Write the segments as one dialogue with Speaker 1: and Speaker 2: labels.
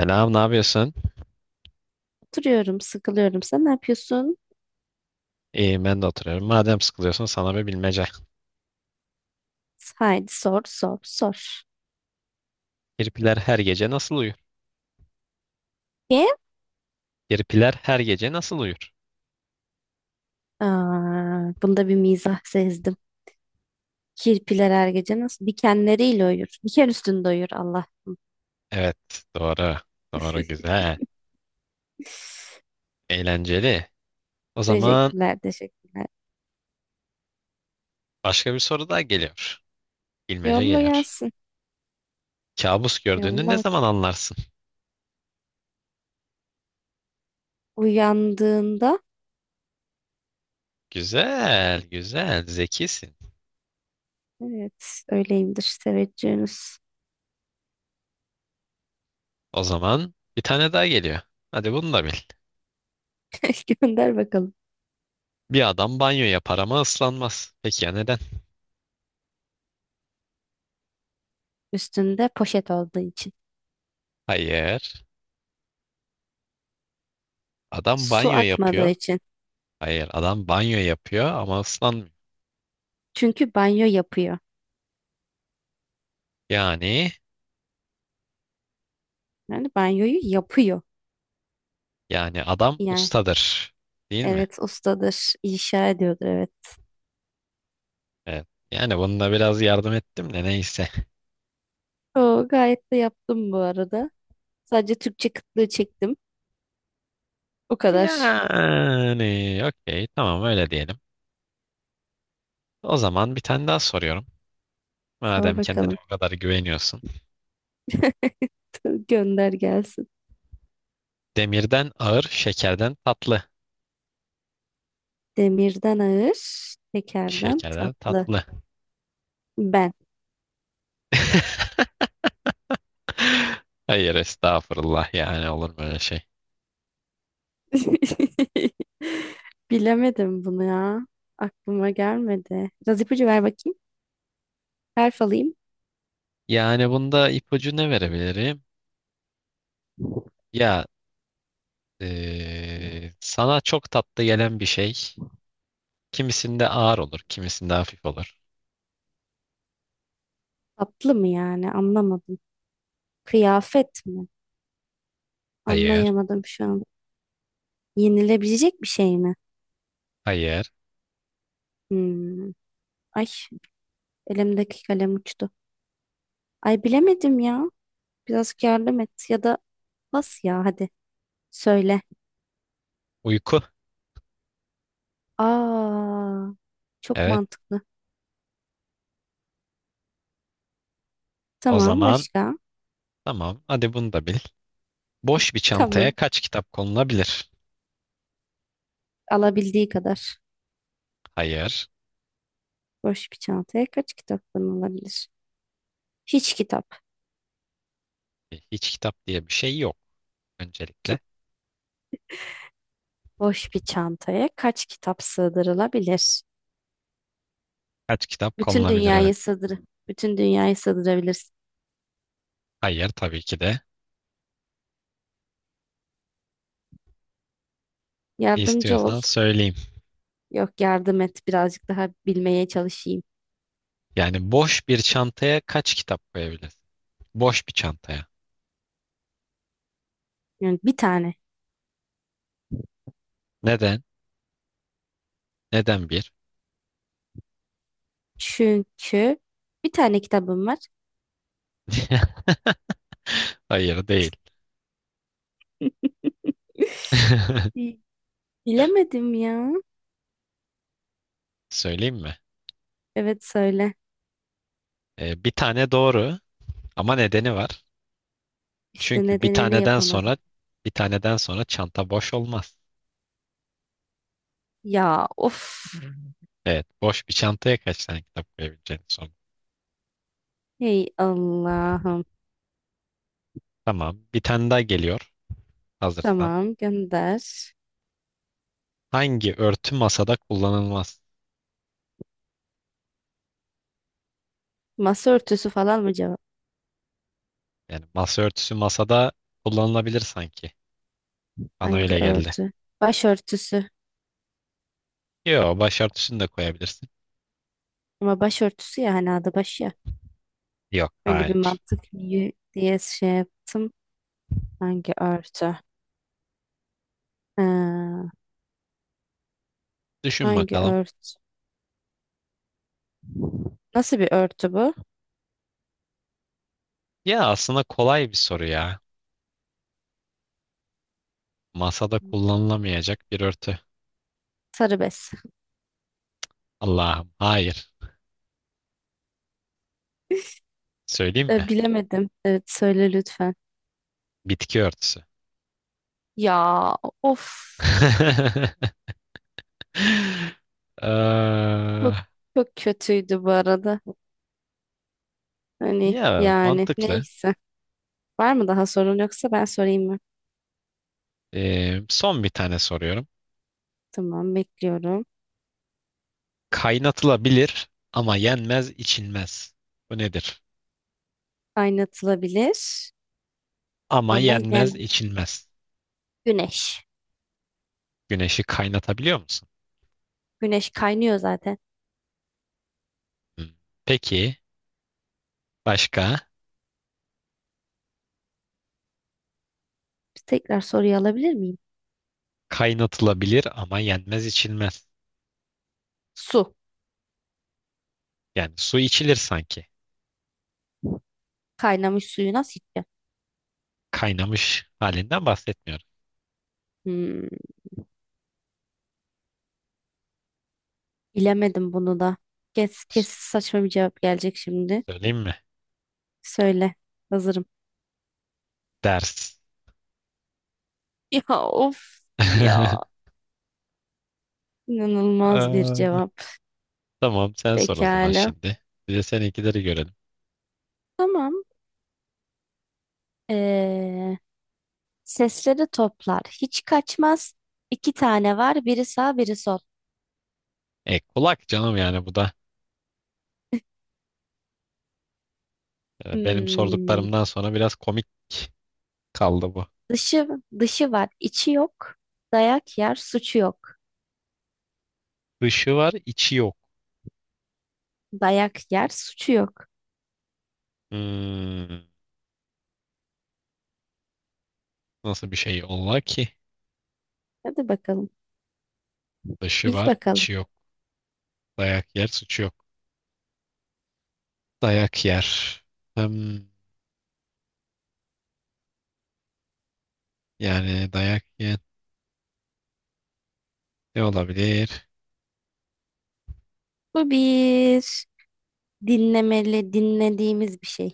Speaker 1: Selam, ne yapıyorsun?
Speaker 2: Oturuyorum, sıkılıyorum. Sen ne yapıyorsun?
Speaker 1: İyiyim, ben de oturuyorum. Madem sıkılıyorsun sana bir bilmece.
Speaker 2: Haydi sor, sor, sor.
Speaker 1: Kirpiler her gece nasıl uyur?
Speaker 2: Ye?
Speaker 1: Kirpiler her gece nasıl uyur?
Speaker 2: Aa, bunda bir mizah sezdim. Kirpiler her gece nasıl dikenleriyle uyur. Diken üstünde uyur Allah.
Speaker 1: Evet, doğru. Doğru, güzel. Eğlenceli. O zaman
Speaker 2: Teşekkürler, teşekkürler.
Speaker 1: başka bir soru daha geliyor. Bilmece
Speaker 2: Yolla
Speaker 1: geliyor.
Speaker 2: gelsin.
Speaker 1: Kabus gördüğünü ne
Speaker 2: Yolla.
Speaker 1: zaman anlarsın?
Speaker 2: Uyandığında,
Speaker 1: Güzel, güzel, zekisin.
Speaker 2: evet, öyleyimdir teveccühünüz.
Speaker 1: O zaman bir tane daha geliyor. Hadi bunu da bil.
Speaker 2: Gönder bakalım.
Speaker 1: Bir adam banyo yapar ama ıslanmaz. Peki ya neden?
Speaker 2: Üstünde poşet olduğu için.
Speaker 1: Hayır. Adam
Speaker 2: Su
Speaker 1: banyo
Speaker 2: akmadığı
Speaker 1: yapıyor.
Speaker 2: için.
Speaker 1: Hayır adam banyo yapıyor ama ıslanmıyor.
Speaker 2: Çünkü banyo yapıyor.
Speaker 1: Yani
Speaker 2: Yani banyoyu yapıyor.
Speaker 1: yani adam
Speaker 2: Yani.
Speaker 1: ustadır. Değil mi?
Speaker 2: Evet ustadır. İnşa ediyordur evet.
Speaker 1: Evet. Yani bununla biraz yardım ettim de neyse.
Speaker 2: O gayet de yaptım bu arada. Sadece Türkçe kıtlığı çektim. O kadar.
Speaker 1: Yani okey tamam öyle diyelim. O zaman bir tane daha soruyorum.
Speaker 2: Sor
Speaker 1: Madem kendine
Speaker 2: bakalım.
Speaker 1: o kadar güveniyorsun.
Speaker 2: Gönder gelsin.
Speaker 1: Demirden ağır, şekerden tatlı.
Speaker 2: Demirden ağır, tekerden
Speaker 1: Şekerden
Speaker 2: tatlı.
Speaker 1: tatlı.
Speaker 2: Ben.
Speaker 1: Hayır estağfurullah yani olur mu öyle şey?
Speaker 2: Bilemedim bunu ya. Aklıma gelmedi. Biraz ipucu ver bakayım. Harf alayım.
Speaker 1: Yani bunda ipucu ne verebilirim? Ya sana çok tatlı gelen bir şey. Kimisinde ağır olur, kimisinde hafif olur.
Speaker 2: Tatlı mı yani? Anlamadım. Kıyafet mi?
Speaker 1: Hayır,
Speaker 2: Anlayamadım şu an. Yenilebilecek bir şey mi?
Speaker 1: hayır.
Speaker 2: Hmm. Ay, elimdeki kalem uçtu. Ay bilemedim ya. Biraz yardım et ya da bas ya hadi. Söyle.
Speaker 1: Uyku.
Speaker 2: Aa, çok
Speaker 1: Evet.
Speaker 2: mantıklı.
Speaker 1: O
Speaker 2: Tamam
Speaker 1: zaman
Speaker 2: başka?
Speaker 1: tamam. Hadi bunu da bil. Boş bir çantaya
Speaker 2: Tamam.
Speaker 1: kaç kitap konulabilir?
Speaker 2: Alabildiği kadar.
Speaker 1: Hayır.
Speaker 2: Boş bir çantaya kaç kitaptan alabilir? Hiç kitap.
Speaker 1: Hiç kitap diye bir şey yok öncelikle.
Speaker 2: Boş bir çantaya kaç kitap sığdırılabilir?
Speaker 1: Kaç kitap
Speaker 2: Bütün
Speaker 1: konulabilir? Evet.
Speaker 2: dünyayı sığdır. Bütün dünyayı sığdırabilirsin.
Speaker 1: Hayır tabii ki de.
Speaker 2: Yardımcı ol.
Speaker 1: İstiyorsan söyleyeyim.
Speaker 2: Yok yardım et. Birazcık daha bilmeye çalışayım.
Speaker 1: Yani boş bir çantaya kaç kitap koyabilirsin? Boş bir çantaya.
Speaker 2: Yani bir tane.
Speaker 1: Neden? Neden bir?
Speaker 2: Çünkü bir tane kitabım var.
Speaker 1: Hayır değil.
Speaker 2: Bi- Bilemedim ya.
Speaker 1: Söyleyeyim mi?
Speaker 2: Evet söyle.
Speaker 1: Bir tane doğru ama nedeni var.
Speaker 2: İşte
Speaker 1: Çünkü bir
Speaker 2: nedenini
Speaker 1: taneden
Speaker 2: yapamadım.
Speaker 1: sonra bir taneden sonra çanta boş olmaz.
Speaker 2: Ya of.
Speaker 1: Evet, boş bir çantaya kaç tane kitap koyabileceğini sor.
Speaker 2: Hey Allah'ım.
Speaker 1: Tamam, bir tane daha geliyor hazırsan.
Speaker 2: Tamam gönder.
Speaker 1: Hangi örtü masada kullanılmaz?
Speaker 2: Masa örtüsü falan mı cevap?
Speaker 1: Yani masa örtüsü masada kullanılabilir sanki. Bana
Speaker 2: Hangi
Speaker 1: öyle geldi.
Speaker 2: örtü? Başörtüsü.
Speaker 1: Yok, başörtüsünü de koyabilirsin.
Speaker 2: Ama başörtüsü ya hani adı başı ya.
Speaker 1: Yok,
Speaker 2: Öyle bir
Speaker 1: hayır.
Speaker 2: mantık yürü diye şey yaptım. Hangi örtü? Ee,
Speaker 1: Düşün
Speaker 2: hangi
Speaker 1: bakalım.
Speaker 2: örtü? Nasıl bir örtü bu?
Speaker 1: Ya aslında kolay bir soru ya. Masada kullanılamayacak bir örtü.
Speaker 2: Sarı bez.
Speaker 1: Allah'ım, hayır. Söyleyeyim mi?
Speaker 2: Bilemedim. Evet söyle lütfen.
Speaker 1: Bitki örtüsü.
Speaker 2: Ya of.
Speaker 1: Eee,
Speaker 2: Çok, çok kötüydü bu arada. Hani
Speaker 1: ya
Speaker 2: yani
Speaker 1: mantıklı.
Speaker 2: neyse. Var mı daha sorun yoksa ben sorayım mı?
Speaker 1: Son bir tane soruyorum.
Speaker 2: Tamam bekliyorum.
Speaker 1: Kaynatılabilir ama yenmez, içilmez. Bu nedir?
Speaker 2: Kaynatılabilir
Speaker 1: Ama
Speaker 2: ama
Speaker 1: yenmez,
Speaker 2: yani
Speaker 1: içilmez.
Speaker 2: güneş.
Speaker 1: Güneşi kaynatabiliyor musun?
Speaker 2: Güneş kaynıyor zaten.
Speaker 1: Hmm. Peki başka?
Speaker 2: Bir tekrar soruyu alabilir miyim?
Speaker 1: Kaynatılabilir ama yenmez, içilmez.
Speaker 2: Su.
Speaker 1: Yani su içilir sanki.
Speaker 2: Kaynamış suyu nasıl içeceğim?
Speaker 1: Kaynamış halinden bahsetmiyorum.
Speaker 2: Hmm, bilemedim bunu da. Kes, kes
Speaker 1: S-
Speaker 2: saçma bir cevap gelecek şimdi.
Speaker 1: Söyleyeyim mi?
Speaker 2: Söyle. Hazırım.
Speaker 1: Ders.
Speaker 2: Ya of ya. İnanılmaz bir
Speaker 1: Eee,
Speaker 2: cevap.
Speaker 1: tamam sen sor o zaman
Speaker 2: Pekala.
Speaker 1: şimdi. Bir de seninkileri görelim.
Speaker 2: Tamam. Ee, sesleri toplar. Hiç kaçmaz. İki tane var. Biri sağ, biri sol.
Speaker 1: E kulak canım yani bu da benim
Speaker 2: Hmm,
Speaker 1: sorduklarımdan sonra biraz komik kaldı bu.
Speaker 2: dışı dışı var, içi yok. Dayak yer, suçu yok.
Speaker 1: Dışı var içi yok.
Speaker 2: Dayak yer, suçu yok.
Speaker 1: Hmm, nasıl bir şey ola ki?
Speaker 2: Hadi bakalım.
Speaker 1: Dışı
Speaker 2: Bil
Speaker 1: var
Speaker 2: bakalım.
Speaker 1: içi yok. Dayak yer suçu yok. Dayak yer. Hmm, yani dayak yer ne olabilir?
Speaker 2: Bu bir dinlemeli, dinlediğimiz bir şey.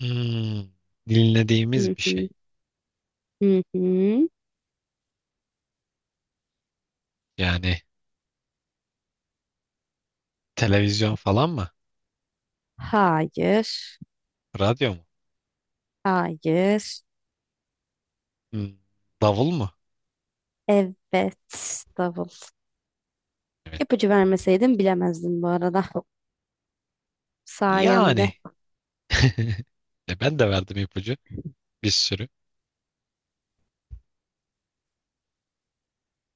Speaker 1: Hmm, dinlediğimiz
Speaker 2: Hı
Speaker 1: bir
Speaker 2: hı.
Speaker 1: şey.
Speaker 2: Hı hı.
Speaker 1: Yani televizyon falan mı?
Speaker 2: Hayır.
Speaker 1: Radyo mu?
Speaker 2: Hayır.
Speaker 1: Hmm, davul mu?
Speaker 2: Evet. Davul.
Speaker 1: Evet.
Speaker 2: İpucu vermeseydim bilemezdim bu arada. Sayemde.
Speaker 1: Yani. E ben de verdim ipucu. Bir sürü.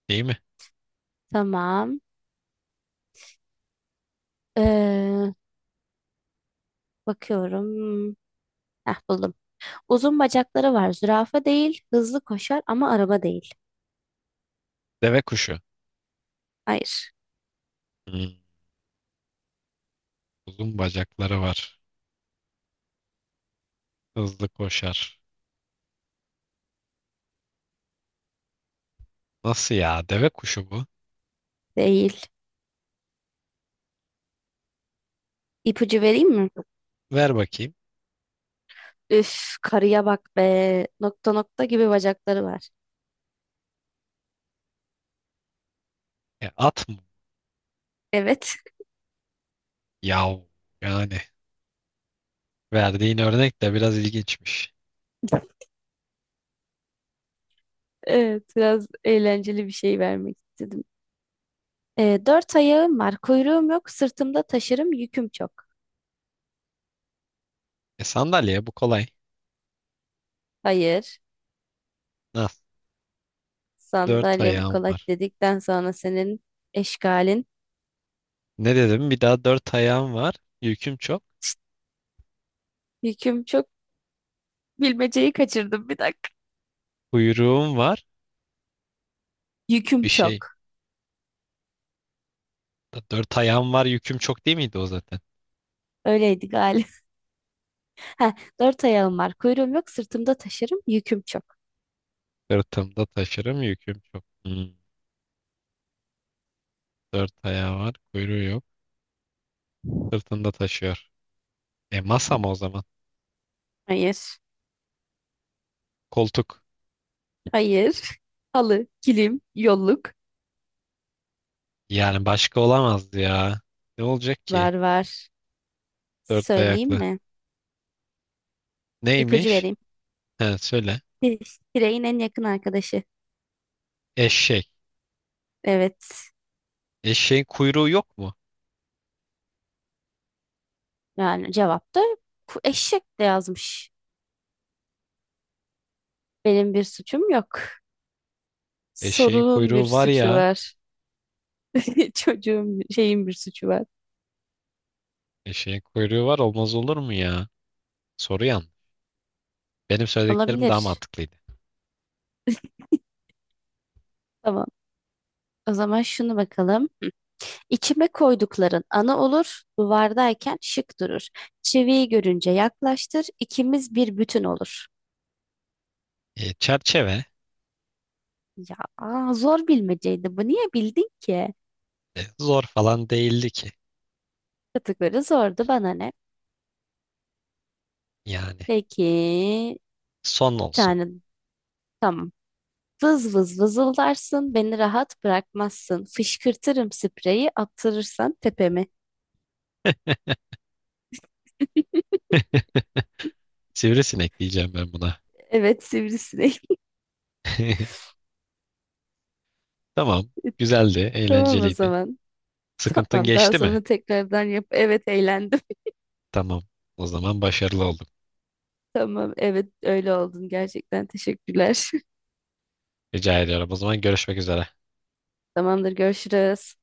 Speaker 1: Değil mi?
Speaker 2: Tamam. Ee, bakıyorum. Heh, buldum. Uzun bacakları var. Zürafa değil. Hızlı koşar ama araba değil.
Speaker 1: Deve kuşu.
Speaker 2: Hayır.
Speaker 1: Hmm, uzun bacakları var. Hızlı koşar. Nasıl ya? Deve kuşu bu.
Speaker 2: Değil. İpucu vereyim mi?
Speaker 1: Ver bakayım.
Speaker 2: Üf, karıya bak be. Nokta nokta gibi bacakları var.
Speaker 1: E, at mı?
Speaker 2: Evet.
Speaker 1: Yav. Yani verdiğin örnek de biraz ilginçmiş.
Speaker 2: Evet, biraz eğlenceli bir şey vermek istedim. Dört ayağım var, kuyruğum yok, sırtımda taşırım, yüküm çok.
Speaker 1: E, sandalye bu kolay.
Speaker 2: Hayır,
Speaker 1: Nasıl? Dört
Speaker 2: sandalye bu
Speaker 1: ayağım
Speaker 2: kolay
Speaker 1: var.
Speaker 2: dedikten sonra senin eşkalin.
Speaker 1: Ne dedim? Bir daha dört ayağım var. Yüküm çok.
Speaker 2: Yüküm çok, bilmeceyi kaçırdım bir dakika.
Speaker 1: Kuyruğum var.
Speaker 2: Yüküm
Speaker 1: Bir şey.
Speaker 2: çok.
Speaker 1: Dört ayağım var. Yüküm çok değil miydi o zaten?
Speaker 2: Öyleydi galiba. Heh, dört ayağım var. Kuyruğum yok. Sırtımda taşırım. Yüküm çok.
Speaker 1: Sırtımda taşırım. Yüküm çok. Hmm, dört ayağı var. Kuyruğu yok. Sırtında taşıyor. E masa mı o zaman?
Speaker 2: Hayır.
Speaker 1: Koltuk.
Speaker 2: Hayır. Halı, kilim, yolluk.
Speaker 1: Yani başka olamazdı ya. Ne olacak ki?
Speaker 2: Var var.
Speaker 1: Dört
Speaker 2: Söyleyeyim
Speaker 1: ayaklı.
Speaker 2: mi? İpucu
Speaker 1: Neymiş?
Speaker 2: vereyim.
Speaker 1: He söyle.
Speaker 2: Pireyin en yakın arkadaşı.
Speaker 1: Eşek.
Speaker 2: Evet.
Speaker 1: Eşeğin kuyruğu yok mu?
Speaker 2: Yani cevap da eşek de yazmış. Benim bir suçum yok.
Speaker 1: Eşeğin
Speaker 2: Sorunun bir
Speaker 1: kuyruğu var
Speaker 2: suçu
Speaker 1: ya.
Speaker 2: var. Çocuğun şeyin bir suçu var.
Speaker 1: Eşeğin kuyruğu var olmaz olur mu ya? Soru yanlış. Benim söylediklerim daha
Speaker 2: Olabilir.
Speaker 1: mantıklıydı.
Speaker 2: Tamam. O zaman şunu bakalım. İçime koydukların ana olur, duvardayken şık durur. Çiviyi görünce yaklaştır, ikimiz bir bütün olur.
Speaker 1: E, çerçeve.
Speaker 2: Ya aa, zor bilmeceydi bu. Niye bildin ki?
Speaker 1: E, zor falan değildi ki.
Speaker 2: Kategori zordu bana ne?
Speaker 1: Yani
Speaker 2: Peki,
Speaker 1: son
Speaker 2: bir
Speaker 1: olsun.
Speaker 2: tane tamam. Vız vız vızıldarsın, beni rahat bırakmazsın. Fışkırtırım spreyi, attırırsan tepemi.
Speaker 1: Sivrisinek diyeceğim ben buna.
Speaker 2: Evet, sivrisinek.
Speaker 1: Tamam. Güzeldi,
Speaker 2: Tamam o
Speaker 1: eğlenceliydi.
Speaker 2: zaman.
Speaker 1: Sıkıntın
Speaker 2: Tamam, daha
Speaker 1: geçti mi?
Speaker 2: sonra tekrardan yap. Evet, eğlendim.
Speaker 1: Tamam. O zaman başarılı olduk.
Speaker 2: Tamam, evet öyle oldun gerçekten. Teşekkürler.
Speaker 1: Rica ediyorum. O zaman görüşmek üzere.
Speaker 2: Tamamdır, görüşürüz.